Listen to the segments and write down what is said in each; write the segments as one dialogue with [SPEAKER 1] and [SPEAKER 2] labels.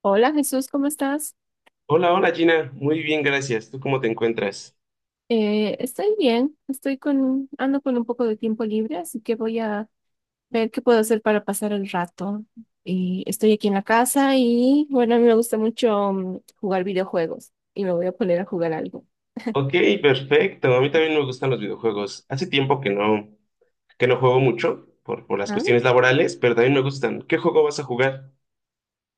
[SPEAKER 1] Hola Jesús, ¿cómo estás?
[SPEAKER 2] Hola, hola Gina, muy bien, gracias. ¿Tú cómo te encuentras?
[SPEAKER 1] Estoy bien, ando con un poco de tiempo libre, así que voy a ver qué puedo hacer para pasar el rato. Y estoy aquí en la casa y bueno, a mí me gusta mucho jugar videojuegos y me voy a poner a jugar algo.
[SPEAKER 2] Ok, perfecto. A mí también me gustan los videojuegos. Hace tiempo que no juego mucho por las
[SPEAKER 1] Ajá.
[SPEAKER 2] cuestiones laborales, pero también me gustan. ¿Qué juego vas a jugar?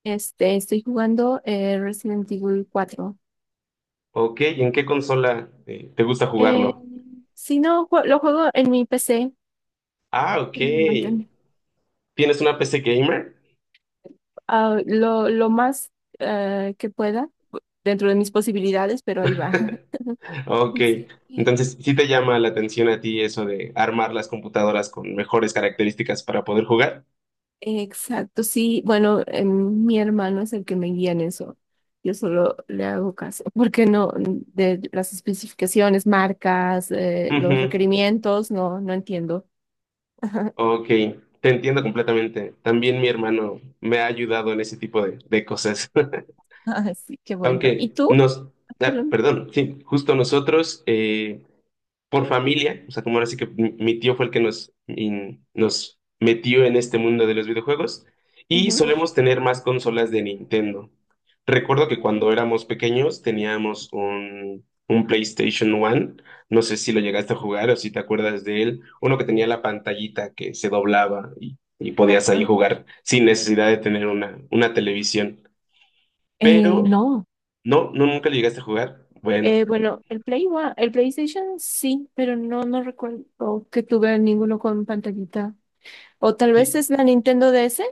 [SPEAKER 1] Estoy jugando Resident Evil cuatro.
[SPEAKER 2] Ok, ¿y en qué consola te gusta
[SPEAKER 1] Eh,
[SPEAKER 2] jugarlo?
[SPEAKER 1] si no, lo juego en mi PC,
[SPEAKER 2] Ah, ok.
[SPEAKER 1] en mi Nintendo.
[SPEAKER 2] ¿Tienes una PC gamer?
[SPEAKER 1] Ah, lo más que pueda dentro de mis posibilidades, pero ahí va.
[SPEAKER 2] Ok.
[SPEAKER 1] Sí.
[SPEAKER 2] Entonces, ¿sí te llama la atención a ti eso de armar las computadoras con mejores características para poder jugar?
[SPEAKER 1] Exacto, sí. Bueno, mi hermano es el que me guía en eso. Yo solo le hago caso, porque no, de las especificaciones, marcas,
[SPEAKER 2] Ujú.
[SPEAKER 1] los requerimientos, no entiendo.
[SPEAKER 2] Ok, te entiendo completamente. También mi hermano me ha ayudado en ese tipo de cosas.
[SPEAKER 1] Así que bueno. ¿Y
[SPEAKER 2] Aunque
[SPEAKER 1] tú?
[SPEAKER 2] nos,
[SPEAKER 1] Perdón.
[SPEAKER 2] Perdón, sí, justo nosotros por familia, o sea, como ahora sí que mi tío fue el que nos metió en este mundo de los videojuegos, y
[SPEAKER 1] Ujú.
[SPEAKER 2] solemos tener más consolas de Nintendo. Recuerdo que
[SPEAKER 1] Ok.
[SPEAKER 2] cuando éramos pequeños teníamos un PlayStation One, no sé si lo llegaste a jugar o si te acuerdas de él, uno que tenía la pantallita que se doblaba y podías ahí
[SPEAKER 1] Exacto.
[SPEAKER 2] jugar sin necesidad de tener una televisión. Pero,
[SPEAKER 1] No.
[SPEAKER 2] no, Nunca lo llegaste a jugar. Bueno.
[SPEAKER 1] Bueno, el el PlayStation sí, pero no recuerdo que tuve ninguno con pantallita. O tal vez
[SPEAKER 2] Sí,
[SPEAKER 1] es la Nintendo DS.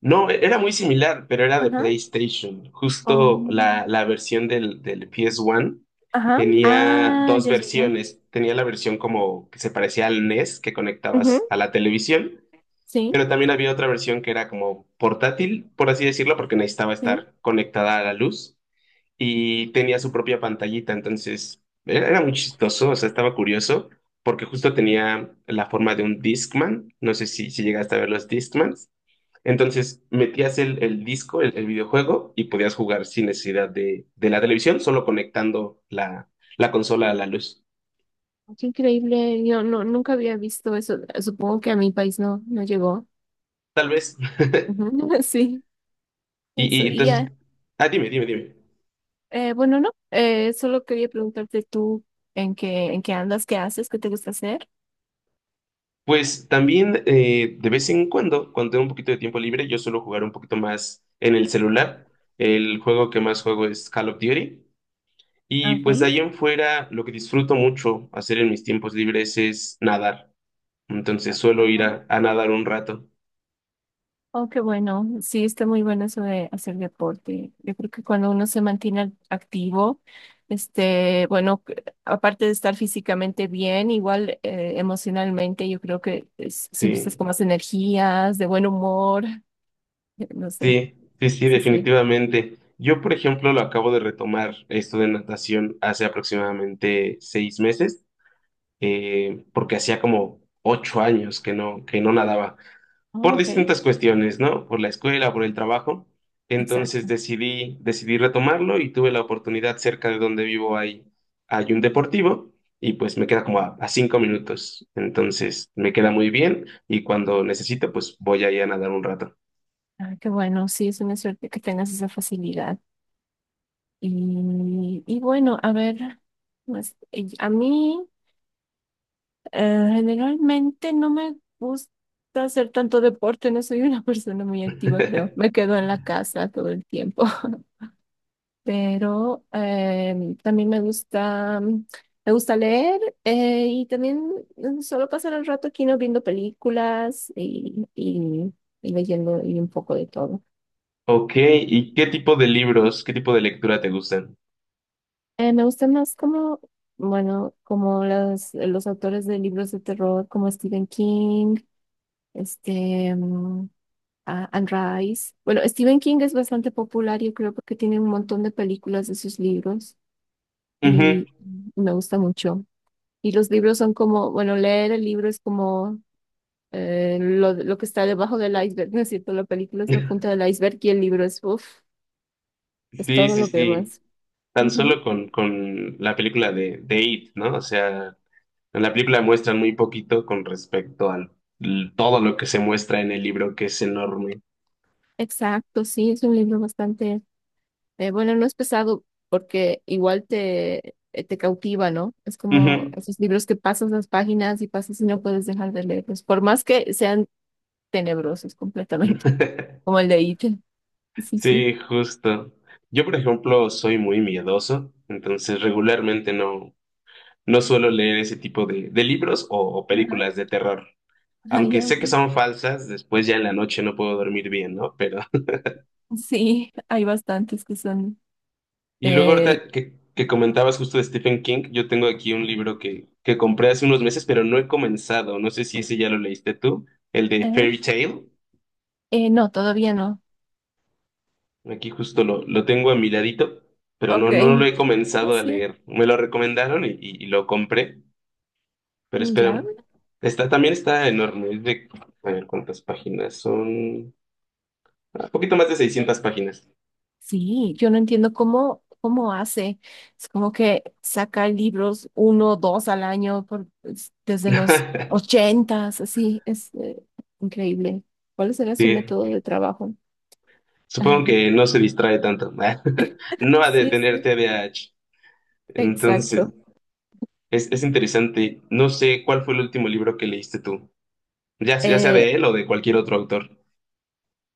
[SPEAKER 2] no, era muy similar, pero era de
[SPEAKER 1] Ajá.
[SPEAKER 2] PlayStation. Justo
[SPEAKER 1] O-
[SPEAKER 2] la versión del PS1
[SPEAKER 1] ajá.
[SPEAKER 2] tenía
[SPEAKER 1] Ah,
[SPEAKER 2] dos
[SPEAKER 1] ya, ya, ya.
[SPEAKER 2] versiones. Tenía la versión como que se parecía al NES que
[SPEAKER 1] Ujú.
[SPEAKER 2] conectabas a la televisión,
[SPEAKER 1] Sí,
[SPEAKER 2] pero también había otra versión que era como portátil, por así decirlo, porque necesitaba
[SPEAKER 1] sí.
[SPEAKER 2] estar conectada a la luz y tenía su propia pantallita. Era muy chistoso, o sea, estaba curioso porque justo tenía la forma de un Discman. No sé si llegaste a ver los Discmans. Entonces metías el disco, el videojuego, y podías jugar sin necesidad de la televisión, solo conectando la consola a la luz.
[SPEAKER 1] Qué increíble. Yo nunca había visto eso. Supongo que a mi país no llegó.
[SPEAKER 2] Tal vez.
[SPEAKER 1] Ujú. Sí,
[SPEAKER 2] Y,
[SPEAKER 1] eso.
[SPEAKER 2] y
[SPEAKER 1] Y
[SPEAKER 2] entonces,
[SPEAKER 1] ya.
[SPEAKER 2] Dime, dime, dime.
[SPEAKER 1] Bueno, no. Solo quería preguntarte tú en qué andas, qué haces, qué te gusta hacer.
[SPEAKER 2] Pues también de vez en cuando, cuando tengo un poquito de tiempo libre, yo suelo jugar un poquito más en el celular. El juego que más juego es Call of Duty. Y
[SPEAKER 1] Ok.
[SPEAKER 2] pues de ahí en fuera, lo que disfruto mucho hacer en mis tiempos libres es nadar. Entonces suelo ir
[SPEAKER 1] Ajá.
[SPEAKER 2] a nadar un rato.
[SPEAKER 1] Oh, qué bueno. Sí, está muy bueno eso de hacer deporte. Yo creo que cuando uno se mantiene activo, este, bueno, aparte de estar físicamente bien, igual emocionalmente, yo creo que siempre estás
[SPEAKER 2] Sí.
[SPEAKER 1] con más energías, de buen humor, no sé.
[SPEAKER 2] Sí, sí, sí,
[SPEAKER 1] Sí, sí.
[SPEAKER 2] definitivamente. Yo, por ejemplo, lo acabo de retomar esto de natación hace aproximadamente 6 meses, porque hacía como 8 años que no nadaba,
[SPEAKER 1] Oh,
[SPEAKER 2] por
[SPEAKER 1] ok,
[SPEAKER 2] distintas cuestiones, ¿no? Por la escuela, por el trabajo. Entonces
[SPEAKER 1] exacto.
[SPEAKER 2] decidí retomarlo y tuve la oportunidad cerca de donde hay un deportivo y pues me queda como a 5 minutos. Entonces me queda muy bien y cuando necesito, pues voy ahí a nadar un rato.
[SPEAKER 1] Ah, qué bueno. Sí, es una suerte que tengas esa facilidad. Y bueno, a ver, pues, y a mí. Generalmente no me gusta hacer tanto deporte, no soy una persona muy activa, creo. Me quedo en la casa todo el tiempo, pero también me gusta, me gusta leer y también solo pasar el rato aquí no viendo películas y leyendo y un poco de todo.
[SPEAKER 2] Ok, ¿y qué tipo de libros, qué tipo de lectura te gustan?
[SPEAKER 1] Me gusta más como, bueno, como los autores de libros de terror como Stephen King, este... mm, ah, and Rise. Bueno, Stephen King es bastante popular, yo creo, porque tiene un montón de películas de sus libros
[SPEAKER 2] Ujú.
[SPEAKER 1] y me gusta mucho. Y los libros son como, bueno, leer el libro es como lo que está debajo del iceberg, ¿no es cierto? La película es la punta del iceberg y el libro es, uff, es
[SPEAKER 2] Sí,
[SPEAKER 1] todo
[SPEAKER 2] sí,
[SPEAKER 1] lo que
[SPEAKER 2] sí.
[SPEAKER 1] demás.
[SPEAKER 2] Tan
[SPEAKER 1] Ujú.
[SPEAKER 2] solo con la película de It, ¿no? O sea, en la película muestran muy poquito con respecto a todo lo que se muestra en el libro, que es enorme.
[SPEAKER 1] Exacto, sí, es un libro bastante. Bueno, no es pesado porque igual te, te cautiva, ¿no? Es como
[SPEAKER 2] Ujú.
[SPEAKER 1] esos libros que pasas las páginas y pasas y no puedes dejar de leerlos, por más que sean tenebrosos completamente, como el de It. Sí, sí.
[SPEAKER 2] Sí, justo. Yo, por ejemplo, soy muy miedoso, entonces regularmente no suelo leer ese tipo de libros o
[SPEAKER 1] Ajá.
[SPEAKER 2] películas de terror.
[SPEAKER 1] Ah,
[SPEAKER 2] Aunque
[SPEAKER 1] ya, ok.
[SPEAKER 2] sé que
[SPEAKER 1] Sí.
[SPEAKER 2] son falsas, después ya en la noche no puedo dormir bien, ¿no? Pero.
[SPEAKER 1] Sí, hay bastantes que son...
[SPEAKER 2] Y luego
[SPEAKER 1] Eh,
[SPEAKER 2] ahorita que comentabas justo de Stephen King, yo tengo aquí un libro que compré hace unos meses, pero no he comenzado. No sé si ese ya lo leíste tú, el de
[SPEAKER 1] ajá.
[SPEAKER 2] Fairy Tale.
[SPEAKER 1] No, todavía no.
[SPEAKER 2] Aquí justo lo tengo a mi ladito, pero no,
[SPEAKER 1] Ok.
[SPEAKER 2] no lo he
[SPEAKER 1] Ah,
[SPEAKER 2] comenzado a
[SPEAKER 1] sí,
[SPEAKER 2] leer. Me lo recomendaron y lo compré, pero
[SPEAKER 1] ya.
[SPEAKER 2] espero. Está, también está enorme. Es de, a ver cuántas páginas son. Un poquito más de 600 páginas.
[SPEAKER 1] Sí, yo no entiendo cómo, cómo hace. Es como que saca libros uno, dos al año desde los ochentas, así, es increíble. ¿Cuál será su
[SPEAKER 2] Sí.
[SPEAKER 1] método de trabajo?
[SPEAKER 2] Supongo
[SPEAKER 1] Ajá.
[SPEAKER 2] que no se distrae tanto. No ha de
[SPEAKER 1] Sí,
[SPEAKER 2] tener
[SPEAKER 1] sí,
[SPEAKER 2] TDAH. Entonces,
[SPEAKER 1] exacto.
[SPEAKER 2] es interesante. No sé cuál fue el último libro que leíste tú. Ya sea
[SPEAKER 1] Eh,
[SPEAKER 2] de él o de cualquier otro autor.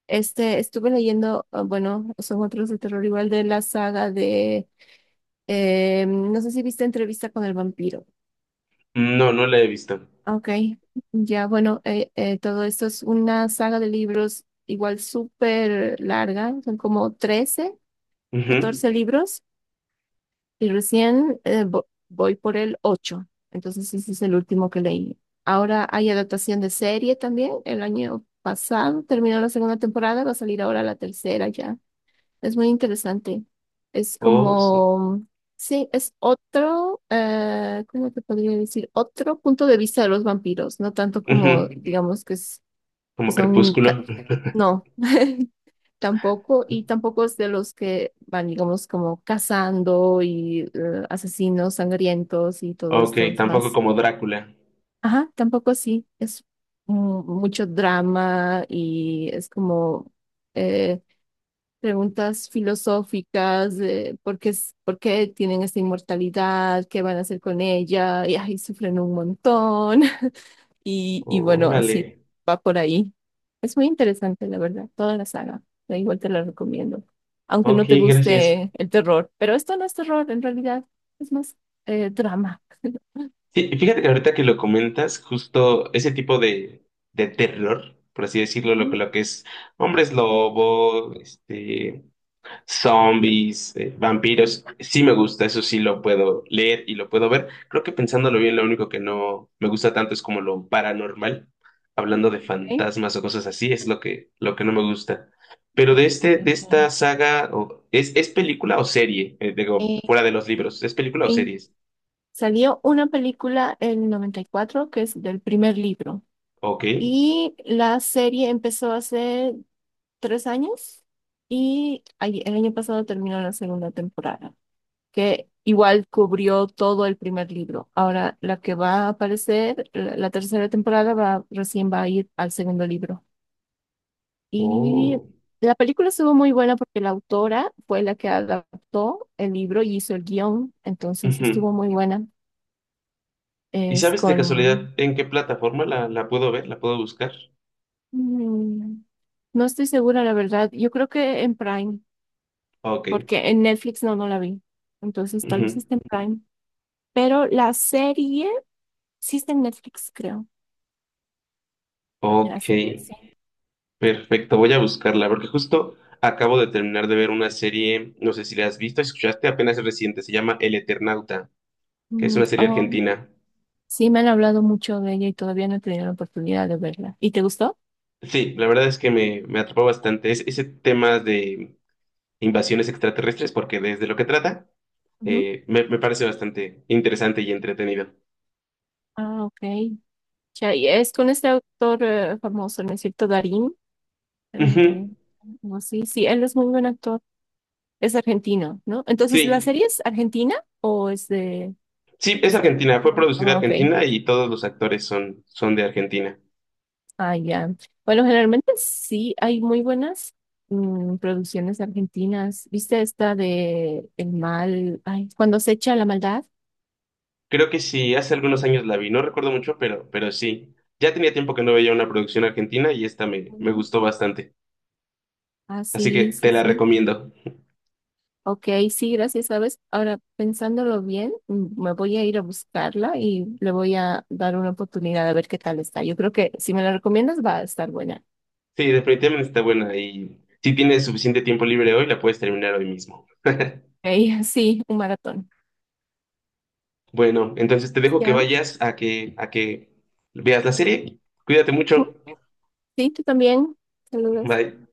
[SPEAKER 1] Estuve leyendo, ah, bueno, son otros de terror igual de la saga de, no sé si viste Entrevista con el vampiro.
[SPEAKER 2] No, no la he visto.
[SPEAKER 1] Ok, ya bueno, todo esto es una saga de libros igual súper larga, son como 13,
[SPEAKER 2] Ujú.
[SPEAKER 1] 14 libros y recién voy por el 8, entonces ese es el último que leí. Ahora hay adaptación de serie también, el año pasado terminó la segunda temporada, va a salir ahora la tercera ya. Es muy interesante. Es
[SPEAKER 2] Oh, su-
[SPEAKER 1] como, sí, es otro, ¿cómo te podría decir? Otro punto de vista de los vampiros, no tanto como,
[SPEAKER 2] Ujú.
[SPEAKER 1] digamos, que, es- que
[SPEAKER 2] Como
[SPEAKER 1] son,
[SPEAKER 2] Crepúsculo.
[SPEAKER 1] ca- no, tampoco, y tampoco es de los que van, digamos, como cazando y asesinos sangrientos y todo
[SPEAKER 2] Ok,
[SPEAKER 1] esto
[SPEAKER 2] tampoco
[SPEAKER 1] más.
[SPEAKER 2] como Drácula.
[SPEAKER 1] Ajá, tampoco así. Es mucho drama y es como... eh, preguntas filosóficas de por qué, por qué tienen esta inmortalidad, qué van a hacer con ella, y ahí sufren un montón. Y bueno,
[SPEAKER 2] Órale.
[SPEAKER 1] así va por ahí. Es muy interesante, la verdad, toda la saga. Da igual, te la recomiendo, aunque
[SPEAKER 2] Ok,
[SPEAKER 1] no te
[SPEAKER 2] gracias.
[SPEAKER 1] guste el terror. Pero esto no es terror, en realidad, es más drama.
[SPEAKER 2] Sí, y fíjate que ahorita que lo comentas, justo ese tipo de terror, por así decirlo,
[SPEAKER 1] Mm.
[SPEAKER 2] lo que es hombres lobo, este. Zombies, vampiros, sí me gusta, eso sí lo puedo leer y lo puedo ver. Creo que pensándolo bien, lo único que no me gusta tanto es como lo paranormal,
[SPEAKER 1] Ok.
[SPEAKER 2] hablando de fantasmas o cosas así, es lo lo que no me gusta. Pero
[SPEAKER 1] Ah.
[SPEAKER 2] de este,
[SPEAKER 1] Me
[SPEAKER 2] de esta
[SPEAKER 1] encanta.
[SPEAKER 2] saga, ¿ es película o serie? Digo,
[SPEAKER 1] Eh,
[SPEAKER 2] fuera de los libros, ¿es película o
[SPEAKER 1] sí.
[SPEAKER 2] series?
[SPEAKER 1] Salió una película en 94 que es del primer libro.
[SPEAKER 2] Ok.
[SPEAKER 1] Y la serie empezó hace 3 años y el año pasado terminó la segunda temporada, que igual cubrió todo el primer libro. Ahora la que va a aparecer, la tercera temporada va, recién va a ir al segundo libro. Y
[SPEAKER 2] Oh.
[SPEAKER 1] la película estuvo muy buena porque la autora fue la que adaptó el libro y hizo el guión, entonces
[SPEAKER 2] Ujú.
[SPEAKER 1] estuvo muy buena.
[SPEAKER 2] ¿Y
[SPEAKER 1] Es
[SPEAKER 2] sabes de
[SPEAKER 1] con...
[SPEAKER 2] casualidad en qué plataforma la puedo ver? ¿La puedo buscar?
[SPEAKER 1] mm, no estoy segura, la verdad. Yo creo que en Prime.
[SPEAKER 2] Ok.
[SPEAKER 1] Porque en Netflix no la vi. Entonces tal vez
[SPEAKER 2] Ujú.
[SPEAKER 1] esté en Prime. Pero la serie sí está en Netflix, creo.
[SPEAKER 2] Ok.
[SPEAKER 1] Así que sí.
[SPEAKER 2] Perfecto, voy a buscarla, porque justo acabo de terminar de ver una serie, no sé si la has visto, escuchaste apenas es reciente, se llama El Eternauta, que es
[SPEAKER 1] Mm,
[SPEAKER 2] una serie
[SPEAKER 1] oh,
[SPEAKER 2] argentina.
[SPEAKER 1] sí, me han hablado mucho de ella y todavía no he tenido la oportunidad de verla. ¿Y te gustó?
[SPEAKER 2] Sí, la verdad es que me atrapó bastante ese tema de invasiones extraterrestres, porque desde lo que trata,
[SPEAKER 1] Ujú.
[SPEAKER 2] me parece bastante interesante y entretenido.
[SPEAKER 1] Ah, ok. Ya, y es con este actor famoso, ¿no es cierto? Darín. Eh,
[SPEAKER 2] Ujú,
[SPEAKER 1] no, sí, sí, él es muy buen actor. Es argentino, ¿no? Entonces, ¿la
[SPEAKER 2] sí,
[SPEAKER 1] serie es argentina o es de,
[SPEAKER 2] sí,
[SPEAKER 1] no
[SPEAKER 2] es
[SPEAKER 1] sé?
[SPEAKER 2] Argentina, fue producida en
[SPEAKER 1] Ah, ok.
[SPEAKER 2] Argentina y todos los actores son de Argentina.
[SPEAKER 1] Ah, ya. Bueno, generalmente sí hay muy buenas producciones argentinas. ¿Viste esta de El mal? Ay, cuando se echa la maldad.
[SPEAKER 2] Creo que sí, hace algunos años la vi, no recuerdo mucho, pero sí. Ya tenía tiempo que no veía una producción argentina y esta me
[SPEAKER 1] Ujú.
[SPEAKER 2] gustó bastante.
[SPEAKER 1] Ah,
[SPEAKER 2] Así
[SPEAKER 1] sí,
[SPEAKER 2] que te
[SPEAKER 1] sí,
[SPEAKER 2] la
[SPEAKER 1] sí.
[SPEAKER 2] recomiendo.
[SPEAKER 1] Ok, sí, gracias, ¿sabes? Ahora, pensándolo bien, me voy a ir a buscarla y le voy a dar una oportunidad a ver qué tal está. Yo creo que si me la recomiendas va a estar buena.
[SPEAKER 2] Sí, definitivamente está buena y si tienes suficiente tiempo libre hoy, la puedes terminar hoy mismo.
[SPEAKER 1] Ok, sí, un maratón.
[SPEAKER 2] Bueno, entonces te dejo que
[SPEAKER 1] Ya.
[SPEAKER 2] vayas a que veas la serie. Cuídate
[SPEAKER 1] Ujú.
[SPEAKER 2] mucho.
[SPEAKER 1] Sí, tú también. Saludos.
[SPEAKER 2] Bye.